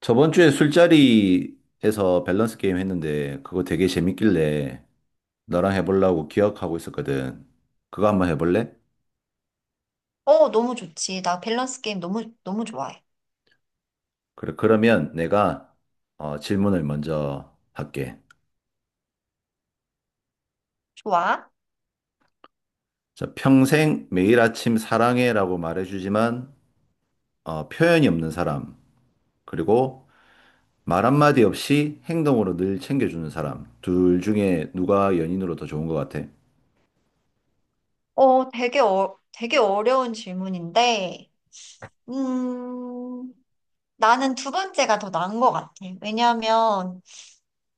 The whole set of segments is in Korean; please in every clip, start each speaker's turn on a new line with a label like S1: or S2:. S1: 저번 주에 술자리에서 밸런스 게임 했는데 그거 되게 재밌길래 너랑 해보려고 기억하고 있었거든. 그거 한번 해볼래?
S2: 너무 좋지. 나 밸런스 게임 너무, 너무 좋아해.
S1: 그래, 그러면 내가 질문을 먼저 할게.
S2: 좋아?
S1: 자, 평생 매일 아침 사랑해라고 말해주지만 표현이 없는 사람, 그리고 말 한마디 없이 행동으로 늘 챙겨주는 사람, 둘 중에 누가 연인으로 더 좋은 것 같아?
S2: 되게 어려운 질문인데, 음, 나는 두 번째가 더 나은 것 같아. 왜냐하면,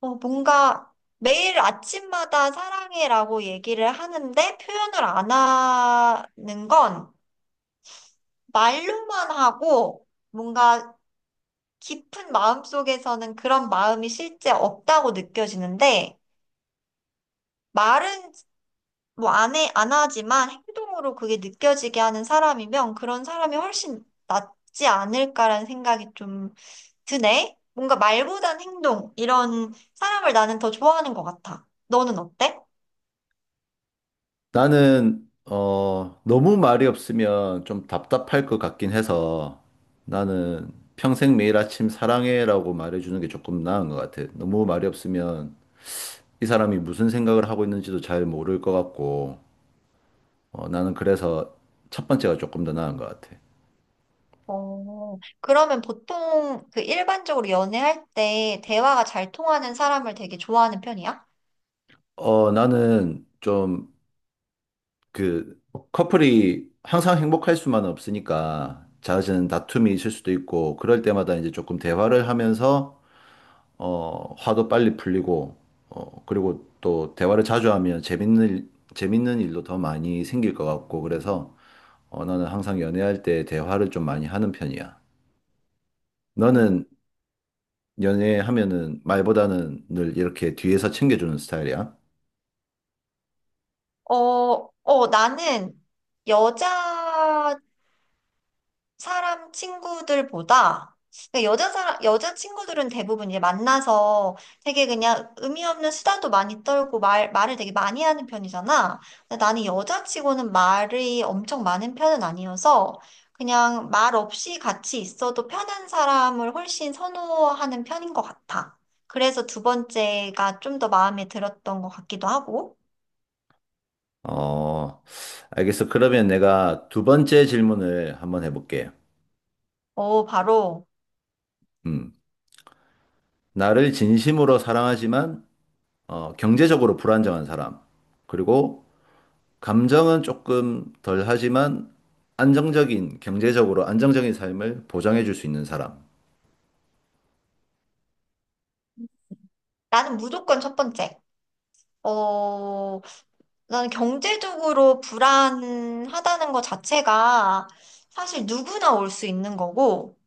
S2: 어, 뭔가 매일 아침마다 사랑해라고 얘기를 하는데 표현을 안 하는 건 말로만 하고 뭔가 깊은 마음속에서는 그런 마음이 실제 없다고 느껴지는데, 말은 뭐 안 하지만 행동으로 그게 느껴지게 하는 사람이면 그런 사람이 훨씬 낫지 않을까라는 생각이 좀 드네. 뭔가 말보단 행동, 이런 사람을 나는 더 좋아하는 것 같아. 너는 어때?
S1: 나는 어 너무 말이 없으면 좀 답답할 것 같긴 해서 나는 평생 매일 아침 사랑해라고 말해주는 게 조금 나은 것 같아. 너무 말이 없으면 이 사람이 무슨 생각을 하고 있는지도 잘 모를 것 같고 나는 그래서 첫 번째가 조금 더 나은 것 같아.
S2: 어, 그러면 보통 그 일반적으로 연애할 때 대화가 잘 통하는 사람을 되게 좋아하는 편이야?
S1: 어 나는 좀 그 커플이 항상 행복할 수만은 없으니까 잦은 다툼이 있을 수도 있고 그럴 때마다 이제 조금 대화를 하면서 화도 빨리 풀리고, 그리고 또 대화를 자주 하면 재밌는 일도 더 많이 생길 것 같고, 그래서 나는 항상 연애할 때 대화를 좀 많이 하는 편이야. 너는 연애하면은 말보다는 늘 이렇게 뒤에서 챙겨주는 스타일이야?
S2: 나는 여자 사람 친구들보다 그러니까 여자 친구들은 대부분 이제 만나서 되게 그냥 의미 없는 수다도 많이 떨고 말 말을 되게 많이 하는 편이잖아. 근데 나는 여자치고는 말이 엄청 많은 편은 아니어서 그냥 말 없이 같이 있어도 편한 사람을 훨씬 선호하는 편인 것 같아. 그래서 두 번째가 좀 더 마음에 들었던 것 같기도 하고.
S1: 어, 알겠어. 그러면 내가 두 번째 질문을 한번 해볼게.
S2: 어, 바로
S1: 음, 나를 진심으로 사랑하지만, 경제적으로 불안정한 사람. 그리고 감정은 조금 덜 하지만 안정적인, 경제적으로 안정적인 삶을 보장해 줄 수 있는 사람.
S2: 나는 무조건 첫 번째. 어, 나는 경제적으로 불안하다는 것 자체가 사실 누구나 올 수 있는 거고,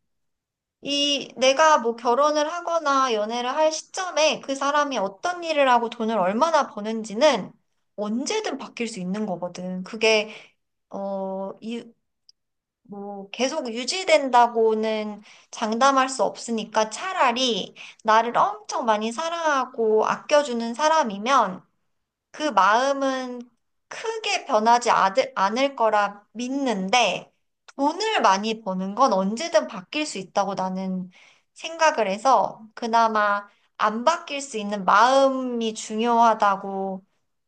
S2: 이 내가 뭐 결혼을 하거나 연애를 할 시점에 그 사람이 어떤 일을 하고 돈을 얼마나 버는지는 언제든 바뀔 수 있는 거거든. 그게, 어, 이, 뭐, 계속 유지된다고는 장담할 수 없으니까 차라리 나를 엄청 많이 사랑하고 아껴주는 사람이면 그 마음은 크게 변하지 아 않을 거라 믿는데 돈을 많이 버는 건 언제든 바뀔 수 있다고 나는 생각을 해서 그나마 안 바뀔 수 있는 마음이 중요하다고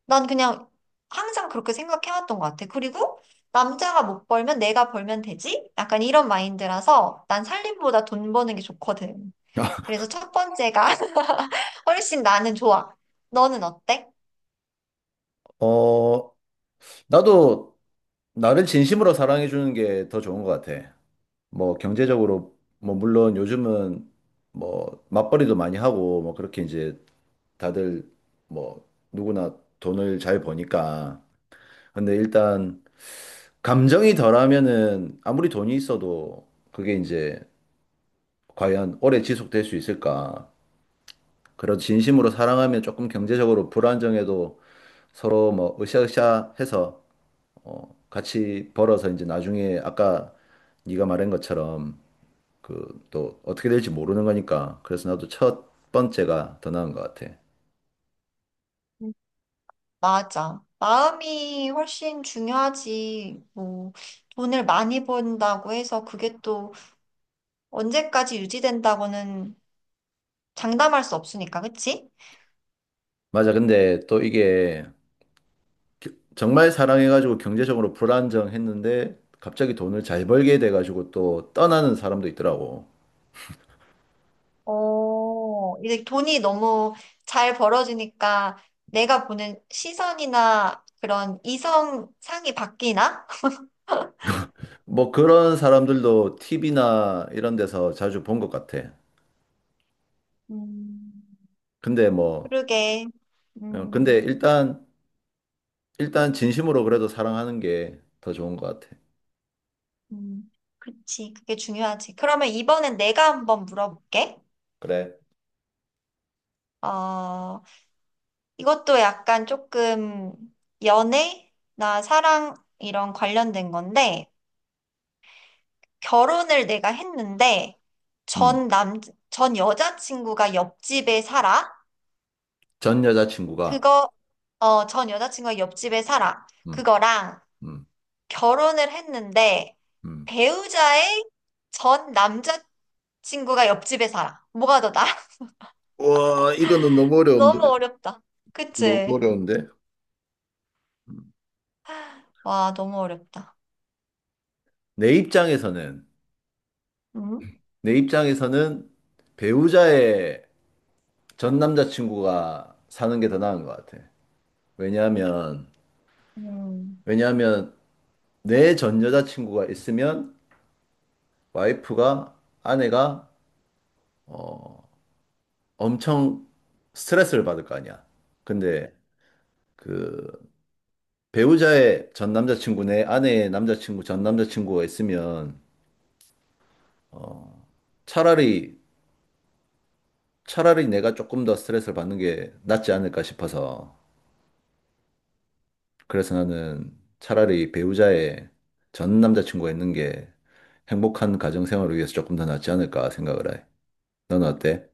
S2: 난 그냥 항상 그렇게 생각해왔던 것 같아. 그리고 남자가 못 벌면 내가 벌면 되지? 약간 이런 마인드라서 난 살림보다 돈 버는 게 좋거든. 그래서 첫 번째가 훨씬 나는 좋아. 너는 어때?
S1: 어, 나도 나를 진심으로 사랑해 주는 게 더 좋은 것 같아. 뭐 경제적으로 뭐 물론 요즘은 뭐 맞벌이도 많이 하고 뭐 그렇게 이제 다들 뭐 누구나 돈을 잘 버니까. 근데 일단 감정이 덜하면은 아무리 돈이 있어도 그게 이제 과연 오래 지속될 수 있을까? 그런 진심으로 사랑하면 조금 경제적으로 불안정해도 서로 뭐 으쌰으쌰해서 같이 벌어서 이제 나중에 아까 네가 말한 것처럼 그 또 어떻게 될지 모르는 거니까 그래서 나도 첫 번째가 더 나은 것 같아.
S2: 맞아. 마음이 훨씬 중요하지. 뭐, 돈을 많이 번다고 해서 그게 또 언제까지 유지된다고는 장담할 수 없으니까, 그치?
S1: 맞아. 근데 또 이게 정말 사랑해가지고 경제적으로 불안정했는데 갑자기 돈을 잘 벌게 돼가지고 또 떠나는 사람도 있더라고.
S2: 어, 이제 돈이 너무 잘 벌어지니까 내가 보는 시선이나 그런 이성 상이 바뀌나?
S1: 뭐 그런 사람들도 TV나 이런 데서 자주 본 것 같아.
S2: 음,
S1: 근데 뭐
S2: 그러게.
S1: 근데
S2: 음,
S1: 일단 진심으로 그래도 사랑하는 게 더 좋은 것 같아.
S2: 음, 그치. 그게 중요하지. 그러면 이번엔 내가 한번 물어볼게.
S1: 그래.
S2: 어, 이것도 약간 조금 연애나 사랑 이런 관련된 건데, 결혼을 내가 했는데,
S1: 음,
S2: 전 남, 전 여자친구가 옆집에 살아?
S1: 전 여자친구가,
S2: 그거, 어, 전 여자친구가 옆집에 살아.
S1: 음,
S2: 그거랑
S1: 음,
S2: 결혼을 했는데,
S1: 음,
S2: 배우자의 전 남자친구가 옆집에 살아. 뭐가 더 나아?
S1: 와, 이거는 너무
S2: 너무
S1: 어려운데.
S2: 어렵다.
S1: 너무
S2: 그치?
S1: 어려운데. 음.
S2: 와, 너무 어렵다.
S1: 내 입장에서는,
S2: 음?
S1: 내 입장에서는 배우자의 전 남자친구가 사는 게 더 나은 것 같아. 왜냐하면,
S2: 음.
S1: 왜냐하면 내 전 여자친구가 있으면 와이프가, 아내가, 어, 엄청 스트레스를 받을 거 아니야. 근데 그 배우자의 전 남자친구 내 아내의 남자친구 전 남자친구가 있으면 어 차라리 차라리 내가 조금 더 스트레스를 받는 게 낫지 않을까 싶어서 그래서 나는 차라리 배우자의 전 남자친구가 있는 게 행복한 가정 생활을 위해서 조금 더 낫지 않을까 생각을 해. 너는 어때?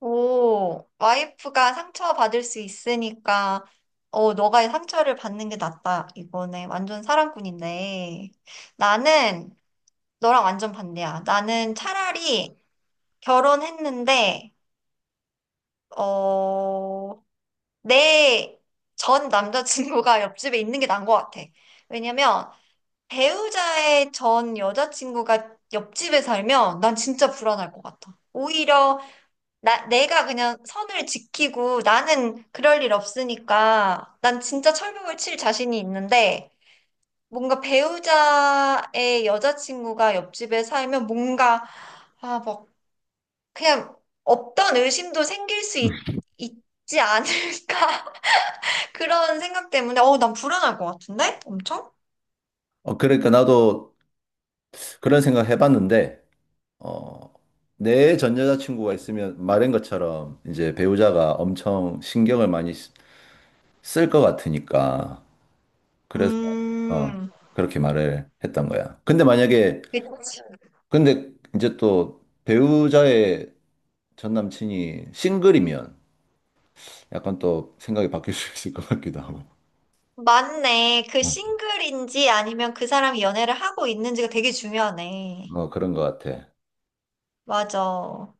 S2: 오, 와이프가 상처받을 수 있으니까, 어, 너가 상처를 받는 게 낫다. 이거네. 완전 사랑꾼인데. 나는 너랑 완전 반대야. 나는 차라리 결혼했는데, 어, 내 전 남자친구가 옆집에 있는 게 나은 것 같아. 왜냐면, 배우자의 전 여자친구가 옆집에 살면 난 진짜 불안할 것 같아. 오히려 내가 그냥 선을 지키고 나는 그럴 일 없으니까 난 진짜 철벽을 칠 자신이 있는데 뭔가 배우자의 여자친구가 옆집에 살면 뭔가 아, 막 그냥 없던 의심도 있지 않을까 그런 생각 때문에 어, 난 불안할 것 같은데? 엄청?
S1: 어 그러니까 나도 그런 생각 해봤는데 어 내 전 여자친구가 있으면 말한 것처럼 이제 배우자가 엄청 신경을 많이 쓸 것 같으니까. 그래서, 어,
S2: 음,
S1: 그렇게 말을 했던 거야. 근데 만약에,
S2: 그치.
S1: 근데 이제 또 배우자의 전 남친이 싱글이면 약간 또 생각이 바뀔 수 있을 것 같기도 하고.
S2: 맞네. 그
S1: 응, 어,
S2: 싱글인지 아니면 그 사람이 연애를 하고 있는지가 되게 중요하네.
S1: 뭐 그런 것 같아.
S2: 맞아.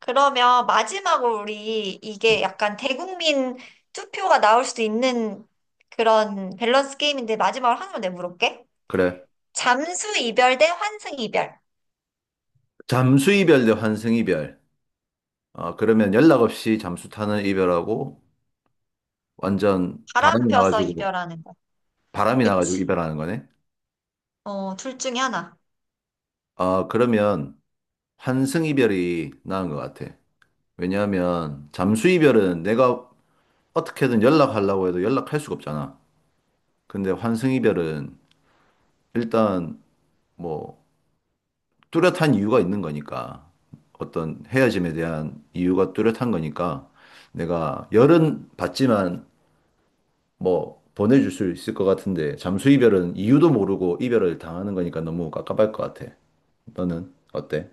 S2: 그러면 마지막으로 우리
S1: 음,
S2: 이게 약간 대국민 투표가 나올 수도 있는 그런 밸런스 게임인데 마지막으로 하나만 내가 물어볼게.
S1: 그래.
S2: 잠수 이별 대 환승 이별.
S1: 잠수 이별 대 환승 이별. 어, 그러면 연락 없이 잠수 타는 이별하고 완전
S2: 바람
S1: 바람이
S2: 펴서
S1: 나가지고,
S2: 이별하는 거.
S1: 바람이 나가지고
S2: 그치.
S1: 이별하는 거네.
S2: 어, 둘 중에 하나.
S1: 어, 그러면 환승 이별이 나은 것 같아. 왜냐하면 잠수이별은 내가 어떻게든 연락하려고 해도 연락할 수가 없잖아. 근데 환승이별은 일단 뭐 뚜렷한 이유가 있는 거니까 어떤 헤어짐에 대한 이유가 뚜렷한 거니까 내가 열은 받지만 뭐 보내줄 수 있을 것 같은데 잠수이별은 이유도 모르고 이별을 당하는 거니까 너무 깝깝할 것 같아. 너는 어때?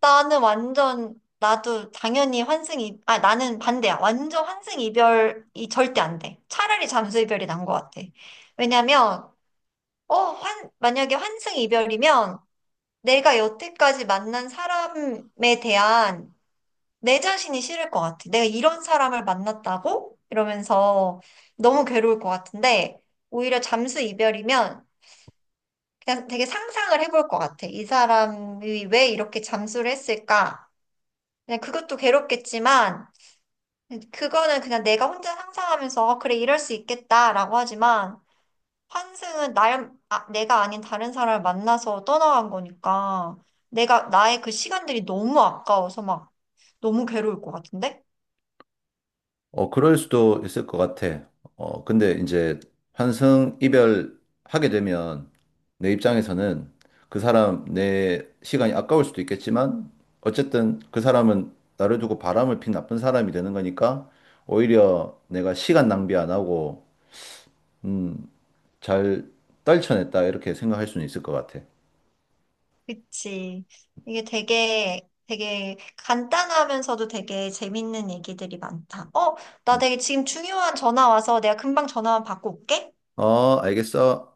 S2: 나는 완전, 나도 당연히 환승 이, 아, 나는 반대야. 완전 환승 이별이 절대 안 돼. 차라리 잠수 이별이 난 것 같아. 왜냐면, 만약에 환승 이별이면 내가 여태까지 만난 사람에 대한 내 자신이 싫을 것 같아. 내가 이런 사람을 만났다고? 이러면서 너무 괴로울 것 같은데, 오히려 잠수 이별이면 그냥 되게 상상을 해볼 것 같아. 이 사람이 왜 이렇게 잠수를 했을까? 그냥 그것도 괴롭겠지만, 그거는 그냥 내가 혼자 상상하면서, 어, 그래, 이럴 수 있겠다라고 하지만, 내가 아닌 다른 사람을 만나서 떠나간 거니까 내가 나의 그 시간들이 너무 아까워서 막 너무 괴로울 것 같은데?
S1: 어, 그럴 수도 있을 것 같아. 근데 이제 환승 이별하게 되면 내 입장에서는 그 사람 내 시간이 아까울 수도 있겠지만 어쨌든 그 사람은 나를 두고 바람을 핀 나쁜 사람이 되는 거니까 오히려 내가 시간 낭비 안 하고 음, 잘 떨쳐냈다 이렇게 생각할 수는 있을 것 같아.
S2: 그치. 이게 되게 간단하면서도 되게 재밌는 얘기들이 많다. 어, 나 되게 지금 중요한 전화 와서 내가 금방 전화만 받고 올게.
S1: 어, 알겠어.